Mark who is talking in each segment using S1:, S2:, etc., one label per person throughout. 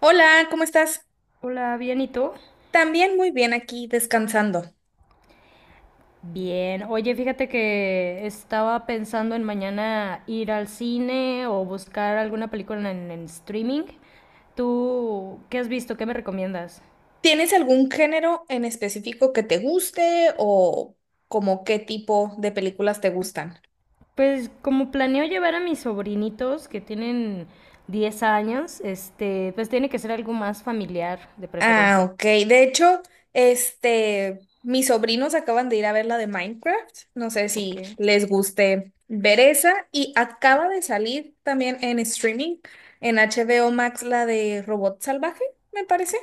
S1: Hola, ¿cómo estás?
S2: Hola, bien, ¿y tú?
S1: También muy bien aquí descansando.
S2: Bien. Oye, fíjate que estaba pensando en mañana ir al cine o buscar alguna película en streaming. ¿Tú qué has visto? ¿Qué me recomiendas?
S1: ¿Tienes algún género en específico que te guste o como qué tipo de películas te gustan?
S2: Pues como planeo llevar a mis sobrinitos que tienen 10 años, este, pues tiene que ser algo más familiar de
S1: Ah,
S2: preferencia.
S1: ok. De hecho, mis sobrinos acaban de ir a ver la de Minecraft. No sé
S2: Ok,
S1: si les guste ver esa. Y acaba de salir también en streaming, en HBO Max, la de Robot Salvaje, me parece,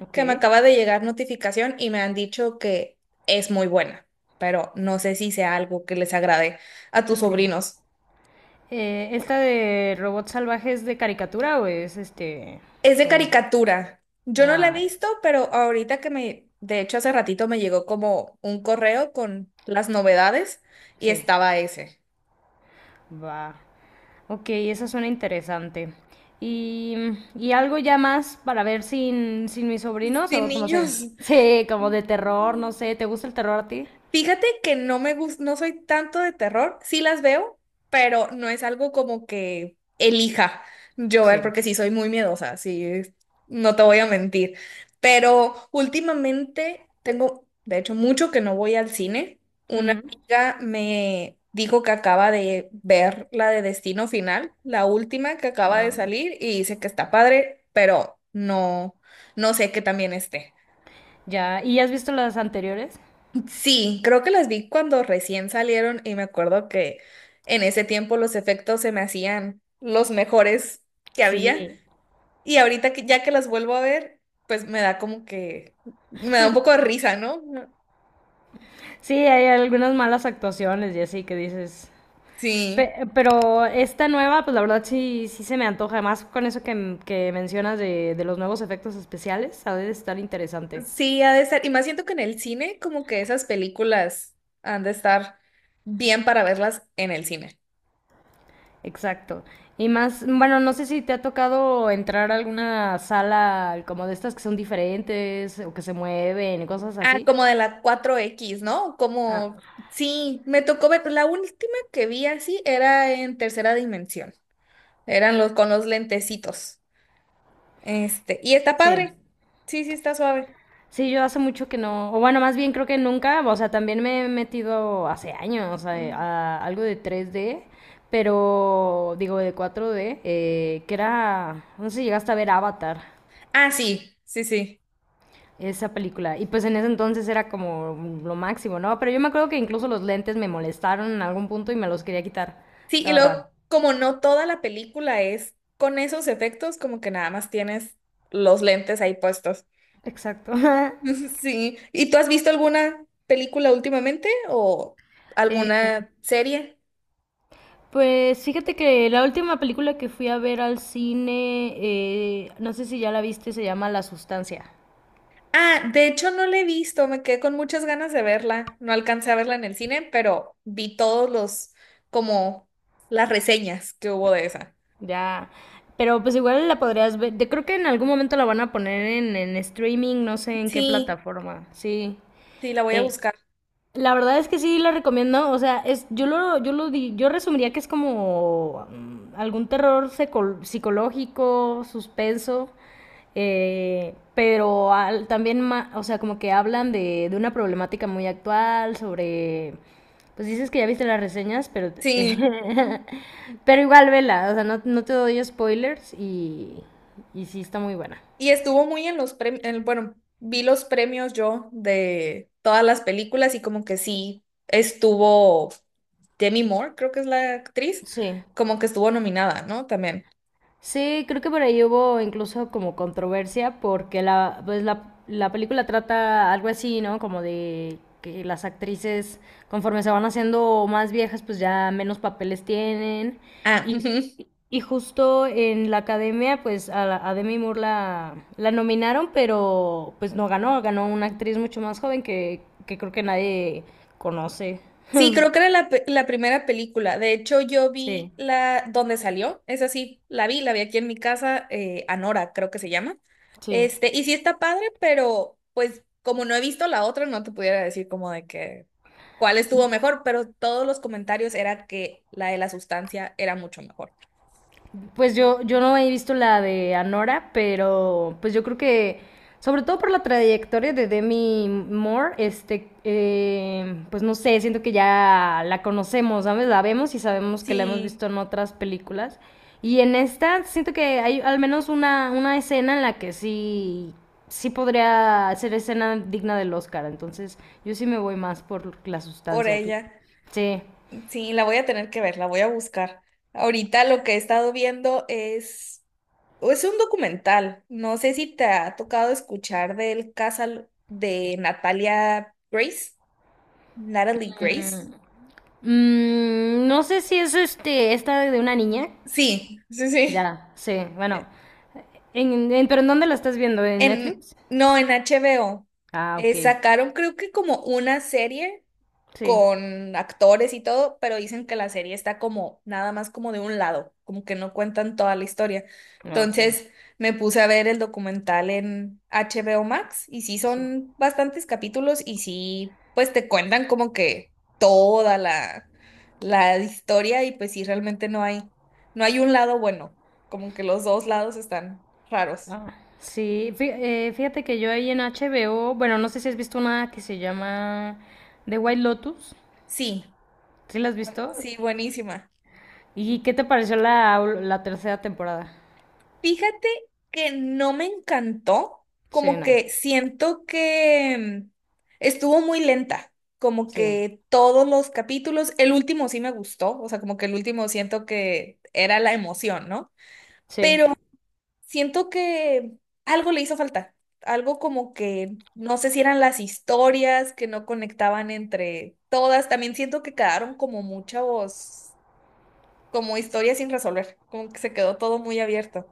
S2: ok,
S1: que me acaba de llegar notificación y me han dicho que es muy buena. Pero no sé si sea algo que les agrade a tus
S2: ok.
S1: sobrinos.
S2: ¿Esta de robots salvajes de caricatura o es este
S1: Es de
S2: como...
S1: caricatura. Yo no la he
S2: Ah,
S1: visto, pero ahorita de hecho hace ratito me llegó como un correo con las novedades y
S2: sí,
S1: estaba ese.
S2: va. Ok, eso suena interesante. Y, y algo ya más para ver sin mis sobrinos
S1: Sin
S2: o como
S1: niños.
S2: se... Sí, como de terror, no sé. ¿Te gusta el terror a ti?
S1: Fíjate que no me gusta, no soy tanto de terror, sí las veo, pero no es algo como que elija yo ver,
S2: Sí.
S1: porque sí soy muy miedosa, sí, no te voy a mentir. Pero últimamente tengo, de hecho, mucho que no voy al cine. Una
S2: Ujú.
S1: amiga me dijo que acaba de ver la de Destino Final, la última que acaba de
S2: Ah,
S1: salir, y dice que está padre, pero no, no sé que también esté.
S2: ya. ¿Y has visto las anteriores?
S1: Sí, creo que las vi cuando recién salieron y me acuerdo que en ese tiempo los efectos se me hacían los mejores que había
S2: Sí.
S1: y ahorita que ya que las vuelvo a ver, pues me da como que me da un poco de risa, ¿no?
S2: Sí, hay algunas malas actuaciones y así que dices.
S1: Sí,
S2: Pero esta nueva, pues la verdad sí, sí se me antoja. Además, con eso que mencionas de los nuevos efectos especiales, ha de estar interesante.
S1: sí, ha de estar. Y más siento que en el cine como que esas películas han de estar bien para verlas en el cine.
S2: Exacto. Y más, bueno, no sé si te ha tocado entrar a alguna sala como de estas que son diferentes o que se mueven y cosas
S1: Ah,
S2: así.
S1: como de la cuatro x, ¿no? Como,
S2: Ah,
S1: sí, me tocó ver, la última que vi así era en tercera dimensión. Eran los con los lentecitos. Y está
S2: sí.
S1: padre. Sí, sí, está suave.
S2: Sí, yo hace mucho que no, o bueno, más bien creo que nunca, o sea, también me he metido hace años a,
S1: Mm.
S2: a algo de tres d pero digo de cuatro d que era, no sé si llegaste a ver Avatar.
S1: Ah, sí, sí, sí.
S2: Esa película. Y pues en ese entonces era como lo máximo, ¿no? Pero yo me acuerdo que incluso los lentes me molestaron en algún punto y me los quería quitar.
S1: Sí, y
S2: Estaba
S1: luego,
S2: raro.
S1: como no toda la película es con esos efectos, como que nada más tienes los lentes ahí puestos.
S2: Exacto.
S1: Sí. ¿Y tú has visto alguna película últimamente o
S2: Eh,
S1: alguna serie?
S2: pues fíjate que la última película que fui a ver al cine, no sé si ya la viste, se llama La Sustancia.
S1: Ah, de hecho no la he visto, me quedé con muchas ganas de verla. No alcancé a verla en el cine, pero vi todos los, como las reseñas que hubo de esa.
S2: Ya, pero pues igual la podrías ver. Creo que en algún momento la van a poner en streaming, no sé en qué
S1: Sí,
S2: plataforma. Sí.
S1: sí, la voy a
S2: Eh,
S1: buscar.
S2: La verdad es que sí la recomiendo, o sea, es, yo resumiría que es como algún psicológico, suspenso, pero también, o sea, como que hablan de una problemática muy actual, sobre, pues dices que ya viste las reseñas, pero,
S1: Sí.
S2: pero igual vela, o sea, no, no te doy spoilers y sí está muy buena.
S1: Y estuvo muy en los premios, bueno, vi los premios yo de todas las películas y como que sí, estuvo Demi Moore, creo que es la actriz,
S2: Sí.
S1: como que estuvo nominada, ¿no? También.
S2: Sí, creo que por ahí hubo incluso como controversia porque pues la película trata algo así, ¿no? Como de que las actrices conforme se van haciendo más viejas pues ya menos papeles tienen
S1: Ah,
S2: y,
S1: ujú.
S2: y justo en la academia pues a Demi Moore la nominaron pero pues no ganó, ganó una actriz mucho más joven que creo que nadie conoce.
S1: Sí, creo que era la, la primera película. De hecho, yo vi
S2: Sí,
S1: la donde salió. Es así, la vi aquí en mi casa, Anora, creo que se llama.
S2: sí.
S1: Y sí está padre, pero pues como no he visto la otra, no te pudiera decir como de que cuál estuvo mejor, pero todos los comentarios era que la de la sustancia era mucho mejor.
S2: Pues yo no he visto la de Anora, pero pues yo creo que, sobre todo por la trayectoria de Demi Moore, este, pues no sé, siento que ya la conocemos, ¿sabes? La vemos y sabemos que la hemos
S1: Sí,
S2: visto en otras películas. Y en esta siento que hay al menos una escena en la que sí, sí podría ser escena digna del Oscar. Entonces yo sí me voy más por la
S1: por
S2: sustancia aquí.
S1: ella.
S2: Sí.
S1: Sí, la voy a tener que ver, la voy a buscar. Ahorita lo que he estado viendo es, o es un documental. No sé si te ha tocado escuchar del caso de Natalia Grace, Natalie Grace.
S2: Mm, no sé si es este, esta de una niña.
S1: Sí, sí, sí.
S2: Ya, sí, bueno.
S1: Eh,
S2: ¿Pero en dónde la estás viendo? ¿En Netflix?
S1: No, en HBO.
S2: Ah, ok.
S1: Sacaron creo que como una serie,
S2: Sí.
S1: con actores y todo, pero dicen que la serie está como nada más como de un lado, como que no cuentan toda la historia.
S2: Ok,
S1: Entonces me puse a ver el documental en HBO Max y sí
S2: sí.
S1: son bastantes capítulos y sí, pues te cuentan como que toda la, la historia y pues sí, realmente no hay, no hay un lado bueno, como que los dos lados están raros.
S2: Ah, sí, fíjate que yo ahí en HBO, bueno, no sé si has visto una que se llama The White Lotus.
S1: Sí,
S2: ¿Sí la has
S1: bu-
S2: visto?
S1: sí, buenísima.
S2: ¿Y qué te pareció la tercera temporada?
S1: Fíjate que no me encantó,
S2: Sí,
S1: como
S2: no.
S1: que siento que mm, estuvo muy lenta, como
S2: Sí,
S1: que todos los capítulos, el último sí me gustó, o sea, como que el último siento que era la emoción, ¿no?
S2: sí.
S1: Pero siento que algo le hizo falta, algo como que no sé si eran las historias que no conectaban entre todas, también siento que quedaron como muchos, como historias sin resolver, como que se quedó todo muy abierto.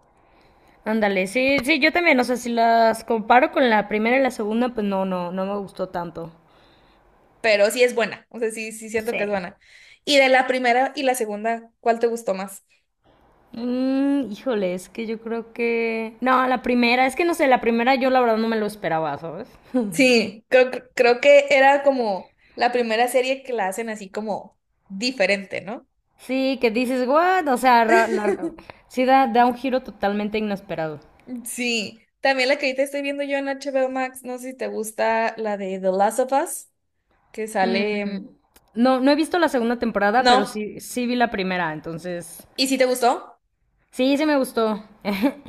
S2: Ándale, sí, sí, yo también, o sea, si las comparo con la primera y la segunda, pues no, no, no me gustó tanto.
S1: Pero sí es buena, o sea, sí, sí siento que es
S2: Sí.
S1: buena. Y de la primera y la segunda, ¿cuál te gustó más?
S2: Mm, híjole, es que yo creo que... No, la primera, es que no sé, la primera yo la verdad no me lo esperaba, ¿sabes?
S1: Sí, creo, creo que era como la primera serie que la hacen así como diferente, ¿no?
S2: Sí, que dices, what? O sea, sí da, da un giro totalmente inesperado.
S1: Sí, también la que ahorita estoy viendo yo en HBO Max, no sé si te gusta la de The Last of Us, que sale...
S2: Mm, no, no he visto la segunda temporada, pero
S1: No,
S2: sí, sí vi la primera, entonces
S1: ¿y si te gustó?
S2: sí, sí me gustó.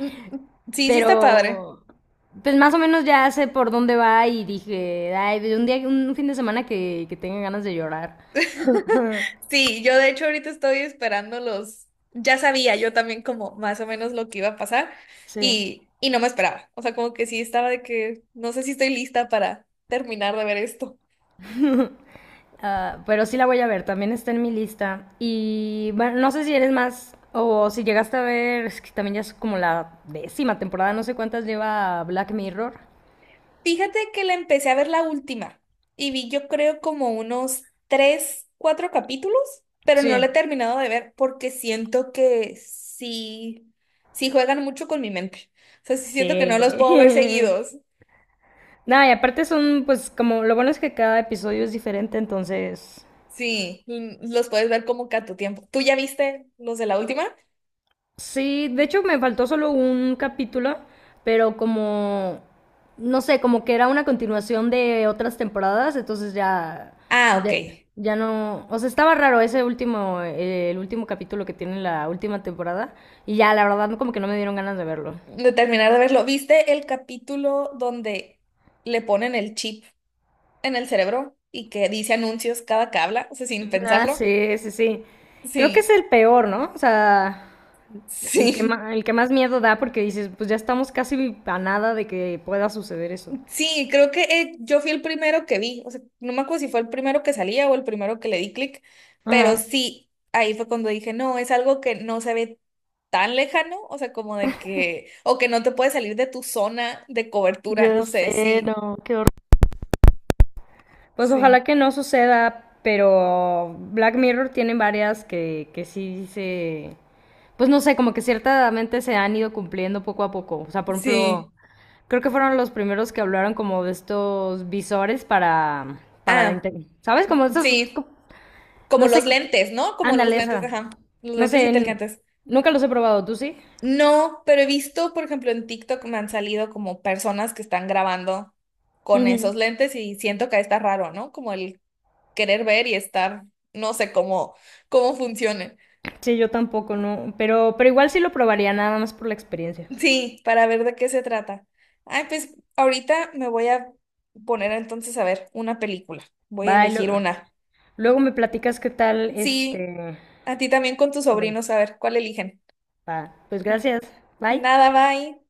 S1: Mm, mm, sí, sí está padre.
S2: Pero, pues más o menos ya sé por dónde va y dije, ay, de un día, un fin de semana que tenga ganas de llorar.
S1: Sí, yo de hecho ahorita estoy esperando los, ya sabía yo también como más o menos lo que iba a pasar
S2: Sí.
S1: y no me esperaba. O sea, como que sí estaba de que no sé si estoy lista para terminar de ver esto.
S2: Pero sí la voy a ver, también está en mi lista. Y bueno, no sé si eres más o si llegaste a ver, es que también ya es como la décima temporada, no sé cuántas lleva Black Mirror.
S1: Fíjate que la empecé a ver la última y vi yo creo como unos tres, cuatro capítulos, pero
S2: Sí.
S1: no la he terminado de ver porque siento que sí, sí juegan mucho con mi mente. O sea, sí
S2: Sí.
S1: siento que no los puedo ver seguidos.
S2: Nada, y aparte son, pues como lo bueno es que cada episodio es diferente, entonces
S1: Sí, los puedes ver como que a tu tiempo. ¿Tú ya viste los de la última?
S2: sí, de hecho me faltó solo un capítulo, pero como, no sé, como que era una continuación de otras temporadas, entonces ya,
S1: Ah, ok.
S2: ya, ya no, o sea, estaba raro ese último, el último capítulo que tiene la última temporada, y ya, la verdad, como que no me dieron ganas de verlo.
S1: De terminar de verlo, ¿viste el capítulo donde le ponen el chip en el cerebro y que dice anuncios cada que habla? O sea, sin
S2: Ah,
S1: pensarlo.
S2: sí, sí, sí. Creo que es
S1: Sí,
S2: el peor, ¿no? O sea,
S1: sí.
S2: el que más miedo da porque dices, pues ya estamos casi a nada de que pueda suceder eso.
S1: Sí, creo que yo fui el primero que vi, o sea, no me acuerdo si fue el primero que salía o el primero que le di clic, pero
S2: Ajá.
S1: sí, ahí fue cuando dije, no, es algo que no se ve tan lejano, o sea, como de que, o que no te puede salir de tu zona de cobertura, no sé, sí,
S2: Pues
S1: sí,
S2: ojalá que no suceda, pero Black Mirror tiene varias que sí se... Pues no sé, como que ciertamente se han ido cumpliendo poco a poco. O sea, por
S1: sí,
S2: ejemplo, creo que fueron los primeros que hablaron como de estos visores para
S1: ah,
S2: ¿sabes? Como estos...
S1: sí, como
S2: no sé,
S1: los lentes, ¿no? Como los
S2: ándale
S1: lentes,
S2: esa.
S1: ajá, los
S2: No
S1: lentes
S2: sé,
S1: inteligentes.
S2: nunca los he probado, ¿tú sí?
S1: No, pero he visto, por ejemplo, en TikTok me han salido como personas que están grabando con esos
S2: Ujú.
S1: lentes y siento que está raro, ¿no? Como el querer ver y estar, no sé cómo, cómo funcione.
S2: Sí, yo tampoco, no. Pero igual sí lo probaría, nada más por la experiencia.
S1: Sí, para ver de qué se trata. Ay, pues ahorita me voy a poner entonces a ver una película. Voy a elegir
S2: Bye,
S1: una.
S2: luego me platicas qué tal
S1: Sí,
S2: este.
S1: a ti también con tus
S2: Y bueno,
S1: sobrinos, a ver cuál eligen.
S2: va. Pues gracias. Bye.
S1: Nada, bye.